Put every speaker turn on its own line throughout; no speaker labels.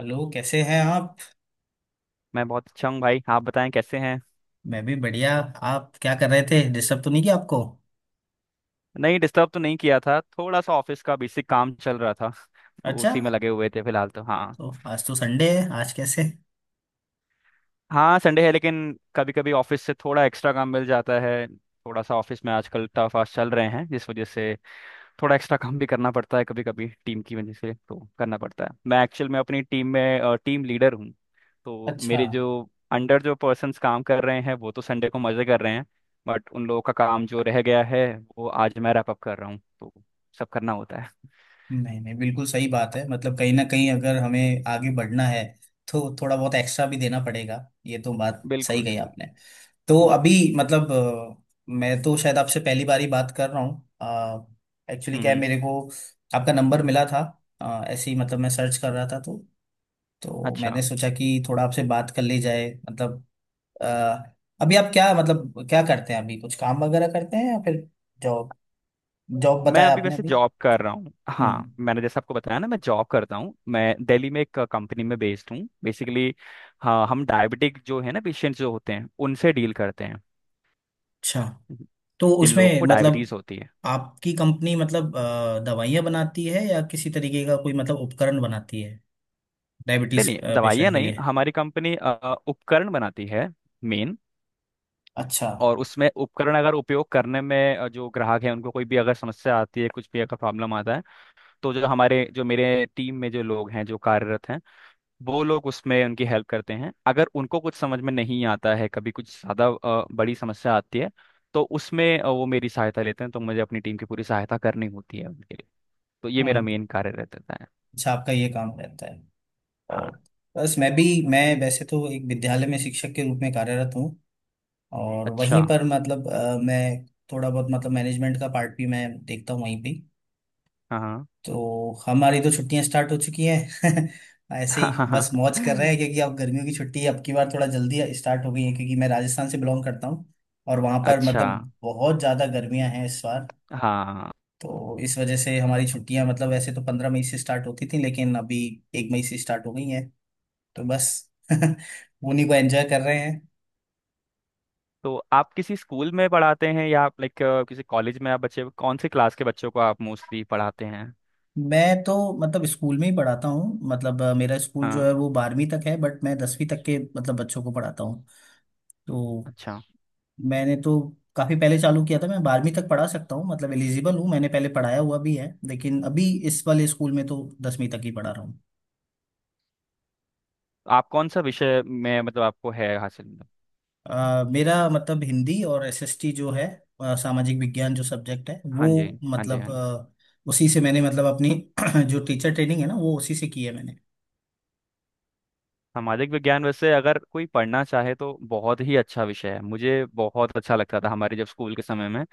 Hello, कैसे हैं आप।
मैं बहुत अच्छा हूँ भाई। आप बताएं कैसे हैं।
मैं भी बढ़िया। आप क्या कर रहे थे, डिस्टर्ब तो नहीं किया आपको।
नहीं, डिस्टर्ब तो नहीं किया था, थोड़ा सा ऑफिस का बेसिक काम चल रहा था तो
अच्छा,
उसी में लगे हुए थे फिलहाल तो। हाँ,
तो आज तो संडे है, आज कैसे।
हाँ संडे है लेकिन कभी कभी ऑफिस से थोड़ा एक्स्ट्रा काम मिल जाता है, थोड़ा सा ऑफिस में आजकल टफ आज चल रहे हैं जिस वजह से थोड़ा एक्स्ट्रा काम भी करना पड़ता है। कभी कभी टीम की वजह से तो करना पड़ता है। मैं एक्चुअल में अपनी टीम में टीम लीडर हूँ तो
अच्छा।
मेरे जो अंडर जो पर्सन्स काम कर रहे हैं वो तो संडे को मजे कर रहे हैं, बट उन लोगों का काम जो रह गया है वो आज मैं रैप अप कर रहा हूँ, तो सब करना होता है।
नहीं नहीं, बिल्कुल सही बात है, मतलब कहीं ना कहीं अगर हमें आगे बढ़ना है तो थोड़ा बहुत एक्स्ट्रा भी देना पड़ेगा। ये तो बात सही
बिल्कुल
कही
बिल्कुल।
आपने। तो
हम्म।
अभी, मतलब मैं तो शायद आपसे पहली बार ही बात कर रहा हूँ। एक्चुअली क्या है,
हम्म।
मेरे को आपका नंबर मिला था। ऐसे ही मतलब मैं सर्च कर रहा था, तो
अच्छा,
मैंने सोचा कि थोड़ा आपसे बात कर ली जाए, मतलब। अ, अभी आप क्या, मतलब क्या करते हैं अभी, कुछ काम वगैरह करते हैं या फिर जॉब। जॉब
मैं
बताया
अभी
आपने
वैसे
अभी।
जॉब कर रहा हूँ। हाँ,
हम्म।
मैंने जैसे आपको बताया ना, मैं जॉब करता हूँ, मैं दिल्ली में एक कंपनी में बेस्ड हूँ बेसिकली। हाँ, हम डायबिटिक जो है ना पेशेंट जो होते हैं उनसे डील करते
अच्छा।
हैं।
तो
जिन लोगों
उसमें
को
मतलब
डायबिटीज होती है।
आपकी कंपनी मतलब दवाइयाँ बनाती है या किसी तरीके का कोई मतलब उपकरण बनाती है
नहीं
डायबिटीज
नहीं, दवाइयाँ
पेशेंट के
नहीं,
लिए।
हमारी कंपनी उपकरण बनाती है मेन।
अच्छा।
और उसमें उपकरण अगर उपयोग करने में जो ग्राहक है उनको कोई भी अगर समस्या आती है, कुछ भी अगर प्रॉब्लम आता है तो जो हमारे जो मेरे टीम में जो लोग हैं जो कार्यरत हैं वो लोग उसमें उनकी हेल्प करते हैं। अगर उनको कुछ समझ में नहीं आता है, कभी कुछ ज़्यादा बड़ी समस्या आती है तो उसमें वो मेरी सहायता लेते हैं, तो मुझे अपनी टीम की पूरी सहायता करनी होती है उनके लिए। तो ये मेरा
हम्म।
मेन कार्य रहता है।
अच्छा, आपका ये काम रहता है।
हाँ।
और बस मैं भी। मैं वैसे तो एक विद्यालय में शिक्षक के रूप में कार्यरत हूँ। और
अच्छा।
वहीं पर मतलब मैं थोड़ा बहुत मतलब मैनेजमेंट का पार्ट भी मैं देखता हूँ वहीं पे।
हाँ हाँ।
तो हमारी तो छुट्टियां स्टार्ट हो चुकी हैं ऐसे ही बस मौज कर रहे हैं, क्योंकि अब गर्मियों की छुट्टी अब की बार थोड़ा जल्दी स्टार्ट हो गई है, क्योंकि मैं राजस्थान से बिलोंग करता हूँ। और वहाँ पर
अच्छा।
मतलब बहुत ज़्यादा गर्मियाँ हैं इस बार।
हाँ,
तो इस वजह से हमारी छुट्टियां, मतलब वैसे तो 15 मई से स्टार्ट होती थी, लेकिन अभी 1 मई से स्टार्ट हो गई हैं, तो बस उन्हीं को एंजॉय कर रहे हैं।
तो आप किसी स्कूल में पढ़ाते हैं या आप लाइक किसी कॉलेज में? आप बच्चे कौन से क्लास के बच्चों को आप मोस्टली पढ़ाते हैं?
मैं तो मतलब स्कूल में ही पढ़ाता हूँ, मतलब मेरा स्कूल जो है
हाँ।
वो 12वीं तक है, बट मैं 10वीं तक के मतलब बच्चों को पढ़ाता हूँ, तो
अच्छा,
मैंने तो काफी पहले चालू किया था, मैं 12वीं तक पढ़ा सकता हूँ, मतलब एलिजिबल हूँ, मैंने पहले पढ़ाया हुआ भी है, लेकिन अभी इस वाले स्कूल में तो 10वीं तक ही पढ़ा रहा हूँ।
आप कौन सा विषय में मतलब आपको है हासिल?
मेरा मतलब हिंदी और एसएसटी जो है, सामाजिक विज्ञान जो सब्जेक्ट है
हाँ
वो
जी। हाँ जी,
मतलब
हाँ।
उसी से मैंने मतलब अपनी जो टीचर ट्रेनिंग है ना वो उसी से की है मैंने।
सामाजिक विज्ञान वैसे अगर कोई पढ़ना चाहे तो बहुत ही अच्छा विषय है। मुझे बहुत अच्छा लगता था हमारे जब स्कूल के समय में।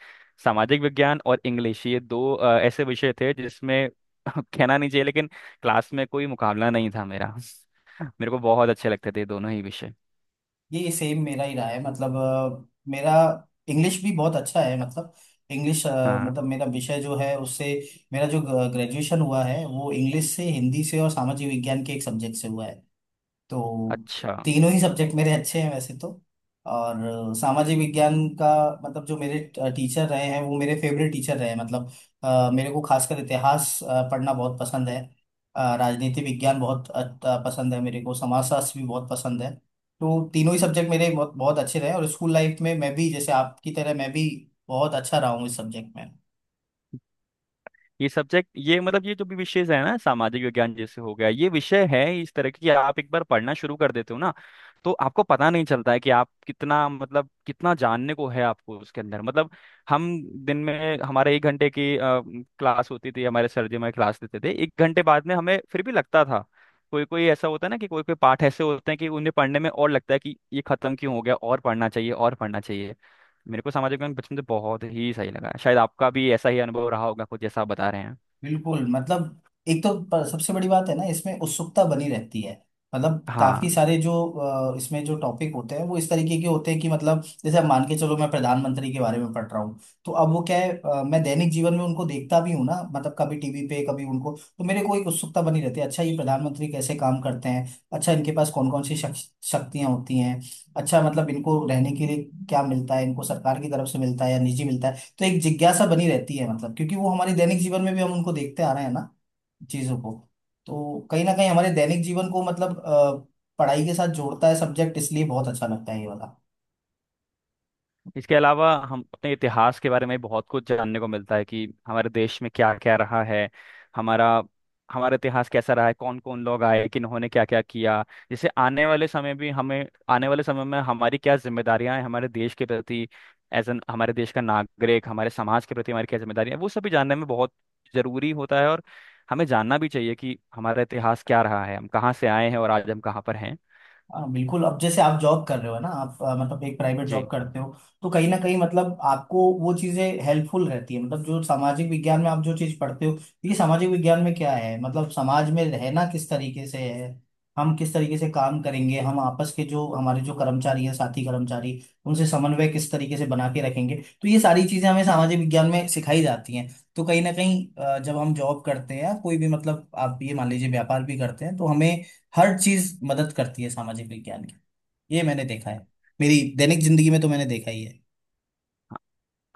सामाजिक विज्ञान और इंग्लिश, ये दो ऐसे विषय थे जिसमें कहना नहीं चाहिए लेकिन क्लास में कोई मुकाबला नहीं था मेरा। मेरे को बहुत अच्छे लगते थे दोनों ही विषय।
ये सेम मेरा ही रहा है, मतलब मेरा इंग्लिश भी बहुत अच्छा है, मतलब इंग्लिश,
हाँ।
मतलब मेरा विषय जो है उससे मेरा जो ग्रेजुएशन हुआ है वो इंग्लिश से, हिंदी से और सामाजिक विज्ञान के एक सब्जेक्ट से हुआ है, तो
अच्छा,
तीनों ही सब्जेक्ट मेरे अच्छे हैं वैसे तो। और सामाजिक विज्ञान का मतलब जो मेरे टीचर रहे हैं वो मेरे फेवरेट टीचर रहे हैं, मतलब मेरे को खासकर इतिहास पढ़ना बहुत पसंद है। राजनीति विज्ञान बहुत पसंद है, मेरे को समाजशास्त्र भी बहुत पसंद है। तो तीनों ही सब्जेक्ट मेरे बहुत बहुत अच्छे रहे, और स्कूल लाइफ में मैं भी, जैसे आपकी तरह, मैं भी बहुत अच्छा रहा हूँ इस सब्जेक्ट में।
ये सब्जेक्ट ये मतलब ये जो भी विषय है ना, सामाजिक विज्ञान जैसे हो गया, ये विषय है इस तरह की कि आप एक बार पढ़ना शुरू कर देते हो ना तो आपको पता नहीं चलता है कि आप कितना मतलब कितना जानने को है आपको उसके अंदर मतलब। हम दिन में हमारे एक घंटे की क्लास होती थी, हमारे सर जी हमारे क्लास देते थे, एक घंटे बाद में हमें फिर भी लगता था कोई कोई ऐसा होता है ना कि कोई कोई पाठ ऐसे होते हैं कि उन्हें पढ़ने में और लगता है कि ये खत्म क्यों हो गया, और पढ़ना चाहिए और पढ़ना चाहिए। मेरे को सामाजिक विज्ञान बचपन से बहुत ही सही लगा, शायद आपका भी ऐसा ही अनुभव रहा होगा कुछ जैसा आप बता रहे हैं।
बिल्कुल, मतलब एक तो, सबसे बड़ी बात है ना, इसमें उत्सुकता बनी रहती है। मतलब काफी
हाँ।
सारे जो इसमें जो टॉपिक होते हैं वो इस तरीके के होते हैं कि मतलब जैसे, अब मान के चलो मैं प्रधानमंत्री के बारे में पढ़ रहा हूँ। तो अब वो क्या है, मैं दैनिक जीवन में उनको देखता भी हूँ ना, मतलब कभी टीवी पे, कभी उनको। तो मेरे को एक उत्सुकता बनी रहती है, अच्छा ये प्रधानमंत्री कैसे काम करते हैं। अच्छा, इनके पास कौन कौन सी शक्ति शक्तियां होती हैं। अच्छा, मतलब इनको रहने के लिए क्या मिलता है, इनको सरकार की तरफ से मिलता है या निजी मिलता है। तो एक जिज्ञासा बनी रहती है, मतलब क्योंकि वो हमारे दैनिक जीवन में भी हम उनको देखते आ रहे हैं ना, चीजों को। तो कहीं ना कहीं हमारे दैनिक जीवन को मतलब पढ़ाई के साथ जोड़ता है सब्जेक्ट, इसलिए बहुत अच्छा लगता है ये वाला।
इसके अलावा हम अपने इतिहास के बारे में बहुत कुछ जानने को मिलता है कि हमारे देश में क्या क्या रहा है, हमारा हमारा इतिहास कैसा रहा है, कौन कौन लोग आए, किन्होंने क्या क्या किया। जैसे आने वाले समय भी, हमें आने वाले समय में हमारी क्या जिम्मेदारियां हैं हमारे देश के प्रति, एज एन हमारे देश का नागरिक हमारे समाज के प्रति हमारी क्या जिम्मेदारियां हैं, वो सभी जानने में बहुत जरूरी होता है। और हमें जानना भी चाहिए कि हमारा इतिहास क्या रहा है, हम कहाँ से आए हैं और आज हम कहाँ पर हैं।
हाँ बिल्कुल, अब जैसे आप जॉब कर रहे हो ना, आप मतलब एक प्राइवेट
जी।
जॉब करते हो। तो कहीं ना कहीं, मतलब आपको वो चीज़ें हेल्पफुल रहती है, मतलब जो सामाजिक विज्ञान में आप जो चीज़ पढ़ते हो। ये सामाजिक विज्ञान में क्या है, मतलब समाज में रहना किस तरीके से है। हम किस तरीके से काम करेंगे, हम आपस के जो हमारे जो कर्मचारी हैं साथी कर्मचारी, उनसे समन्वय किस तरीके से बना के रखेंगे। तो ये सारी चीज़ें हमें सामाजिक विज्ञान में सिखाई जाती हैं। तो कहीं ना कहीं जब हम जॉब करते हैं या कोई भी, मतलब आप ये मान लीजिए व्यापार भी करते हैं, तो हमें हर चीज मदद करती है सामाजिक विज्ञान की। ये मैंने देखा है, मेरी दैनिक जिंदगी में तो मैंने देखा ही है।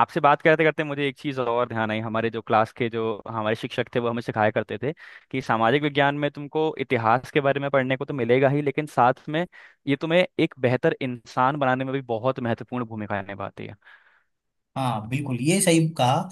आपसे बात करते करते मुझे एक चीज़ और ध्यान आई, हमारे जो क्लास के जो हमारे शिक्षक थे, वो हमें सिखाया करते थे कि सामाजिक विज्ञान में तुमको इतिहास के बारे में पढ़ने को तो मिलेगा ही, लेकिन साथ में ये तुम्हें एक बेहतर इंसान बनाने में भी बहुत महत्वपूर्ण भूमिका निभाती है।
हाँ बिल्कुल, ये सही कहा,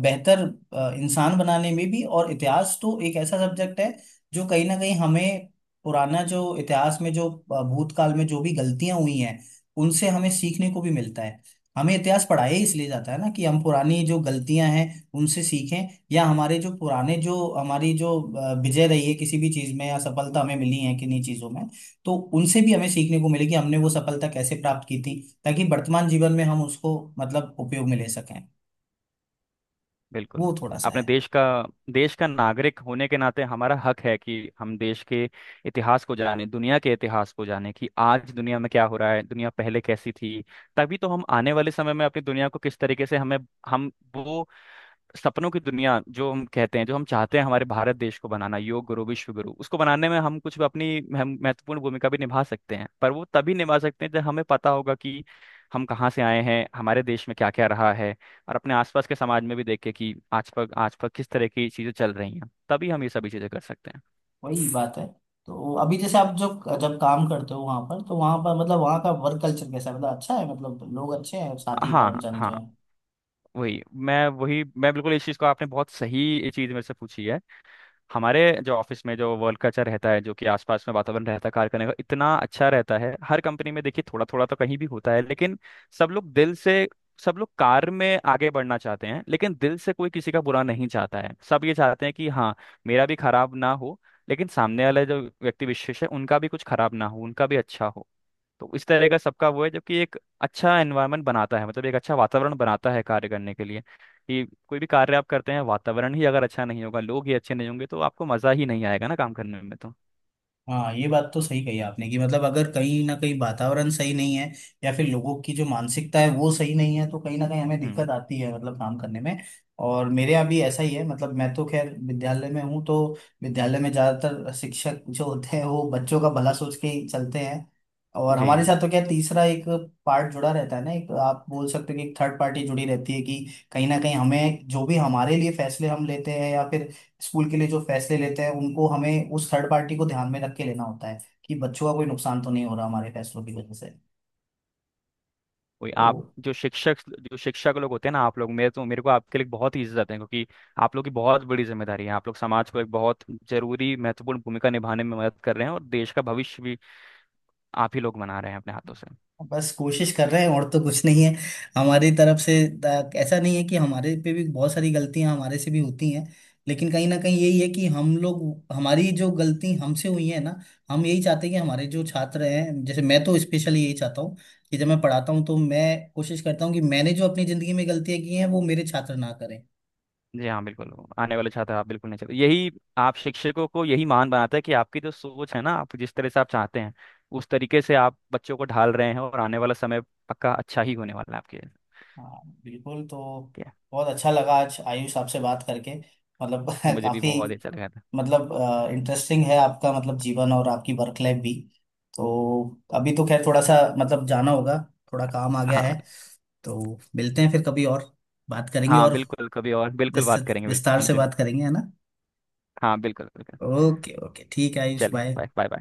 बेहतर इंसान बनाने में भी, और इतिहास तो एक ऐसा सब्जेक्ट है जो कहीं ना कहीं हमें पुराना, जो इतिहास में जो भूतकाल में जो भी गलतियां हुई हैं, उनसे हमें सीखने को भी मिलता है। हमें इतिहास पढ़ाया ही इसलिए जाता है ना, कि हम पुरानी जो गलतियां हैं उनसे सीखें, या हमारे जो पुराने जो हमारी जो विजय रही है किसी भी चीज में, या सफलता हमें मिली है किन्हीं चीजों में। तो उनसे भी हमें सीखने को मिलेगी, हमने वो सफलता कैसे प्राप्त की थी, ताकि वर्तमान जीवन में हम उसको मतलब उपयोग में ले सकें।
बिल्कुल।
वो थोड़ा सा
अपने
है।
देश का, देश का नागरिक होने के नाते हमारा हक है कि हम देश के इतिहास को जाने, दुनिया के इतिहास को जाने कि आज दुनिया में क्या हो रहा है, दुनिया पहले कैसी थी। तभी तो हम आने वाले समय में अपनी दुनिया को किस तरीके से हमें, हम वो सपनों की दुनिया जो हम कहते हैं, जो हम चाहते हैं हमारे भारत देश को बनाना, योग गुरु विश्व गुरु उसको बनाने में हम कुछ अपनी महत्वपूर्ण भूमिका भी निभा सकते हैं। पर वो तभी निभा सकते हैं जब हमें पता होगा कि हम कहाँ से आए हैं, हमारे देश में क्या क्या रहा है। और अपने आसपास के समाज में भी देखे कि आज पर किस तरह की चीजें चल रही हैं, तभी हम ये सभी चीजें कर सकते हैं।
वही बात है, तो अभी जैसे आप जो जब काम करते हो वहां पर, तो वहां पर मतलब वहां का वर्क कल्चर कैसा है, मतलब अच्छा है, मतलब लोग अच्छे हैं, साथी
हाँ
कर्मचारी
हाँ।
जो है।
वही वही मैं बिल्कुल, इस चीज़ को आपने बहुत सही ये चीज़ मेरे से पूछी है। हमारे जो ऑफिस में जो वर्क कल्चर रहता है, जो कि आसपास में वातावरण रहता है कार्य करने का, इतना अच्छा रहता है। हर कंपनी में देखिए थोड़ा थोड़ा तो कहीं भी होता है लेकिन सब लोग दिल से, सब लोग कार्य में आगे बढ़ना चाहते हैं लेकिन दिल से कोई किसी का बुरा नहीं चाहता है। सब ये चाहते हैं कि हाँ, मेरा भी खराब ना हो लेकिन सामने वाले जो व्यक्ति विशेष है उनका भी कुछ खराब ना हो, उनका भी अच्छा हो। तो इस तरह का सबका वो है जबकि एक अच्छा एनवायरनमेंट बनाता है, मतलब एक अच्छा वातावरण बनाता है कार्य करने के लिए। कि कोई भी कार्य आप करते हैं, वातावरण ही अगर अच्छा नहीं होगा, लोग ही अच्छे नहीं होंगे तो आपको मज़ा ही नहीं आएगा ना काम करने में तो।
हाँ, ये बात तो सही कही आपने, कि मतलब अगर कहीं ना कहीं वातावरण सही नहीं है, या फिर लोगों की जो मानसिकता है वो सही नहीं है, तो कहीं ना कहीं हमें
हम्म।
दिक्कत आती है, मतलब काम करने में। और मेरे यहाँ भी ऐसा ही है, मतलब मैं तो खैर विद्यालय में हूँ, तो विद्यालय में ज़्यादातर शिक्षक जो होते हैं वो बच्चों का भला सोच के ही चलते हैं। और
जी।
हमारे साथ तो क्या, तीसरा एक पार्ट जुड़ा रहता है ना, एक आप बोल सकते हो कि एक थर्ड पार्टी जुड़ी रहती है, कि कहीं ना कहीं हमें जो भी हमारे लिए फैसले हम लेते हैं, या फिर स्कूल के लिए जो फैसले लेते हैं, उनको हमें उस थर्ड पार्टी को ध्यान में रख के लेना होता है, कि बच्चों का कोई नुकसान तो नहीं हो रहा हमारे फैसलों की वजह से।
वही
तो
आप, जो शिक्षक, जो शिक्षक लोग होते हैं ना आप लोग, मेरे को आपके लिए बहुत ही इज्जत है। क्योंकि आप लोग की बहुत बड़ी जिम्मेदारी है, आप लोग समाज को एक बहुत जरूरी महत्वपूर्ण भूमिका निभाने में मदद कर रहे हैं, और देश का भविष्य भी आप ही लोग बना रहे हैं अपने हाथों से।
बस कोशिश कर रहे हैं, और तो कुछ नहीं है हमारी तरफ से। ऐसा नहीं है कि हमारे पे भी बहुत सारी गलतियां, हमारे से भी होती हैं। लेकिन कहीं ना कहीं यही है, कि हम लोग, हमारी जो गलती हमसे हुई है ना, हम यही चाहते हैं कि हमारे जो छात्र हैं, जैसे मैं तो स्पेशली यही चाहता हूँ, कि जब मैं पढ़ाता हूँ तो मैं कोशिश करता हूँ कि मैंने जो अपनी ज़िंदगी में गलतियाँ की हैं वो मेरे छात्र ना करें।
जी हाँ बिल्कुल। आने वाले छात्र आप बिल्कुल नहीं चले, यही। आप शिक्षकों को यही महान बनाता है कि आपकी जो सोच है ना, आप जिस तरह से आप चाहते हैं उस तरीके से आप बच्चों को ढाल रहे हैं, और आने वाला समय पक्का अच्छा ही होने वाला है आपके।
हाँ बिल्कुल, तो
ठीक है।
बहुत अच्छा लगा आज आयुष आपसे बात करके, मतलब
मुझे भी
काफी,
बहुत अच्छा लगा था।
मतलब इंटरेस्टिंग है आपका मतलब जीवन और आपकी वर्क लाइफ भी, तो अभी तो खैर थोड़ा सा मतलब जाना होगा, थोड़ा काम आ गया है,
हाँ।
तो मिलते हैं फिर कभी और बात करेंगे,
हाँ
और
बिल्कुल, कभी और बिल्कुल बात
विस्तृत
करेंगे बिल्कुल
विस्तार से
मुझे।
बात करेंगे, है ना।
हाँ बिल्कुल बिल्कुल।
ओके ओके, ठीक है आयुष,
चलिए
बाय।
Bye bye bye.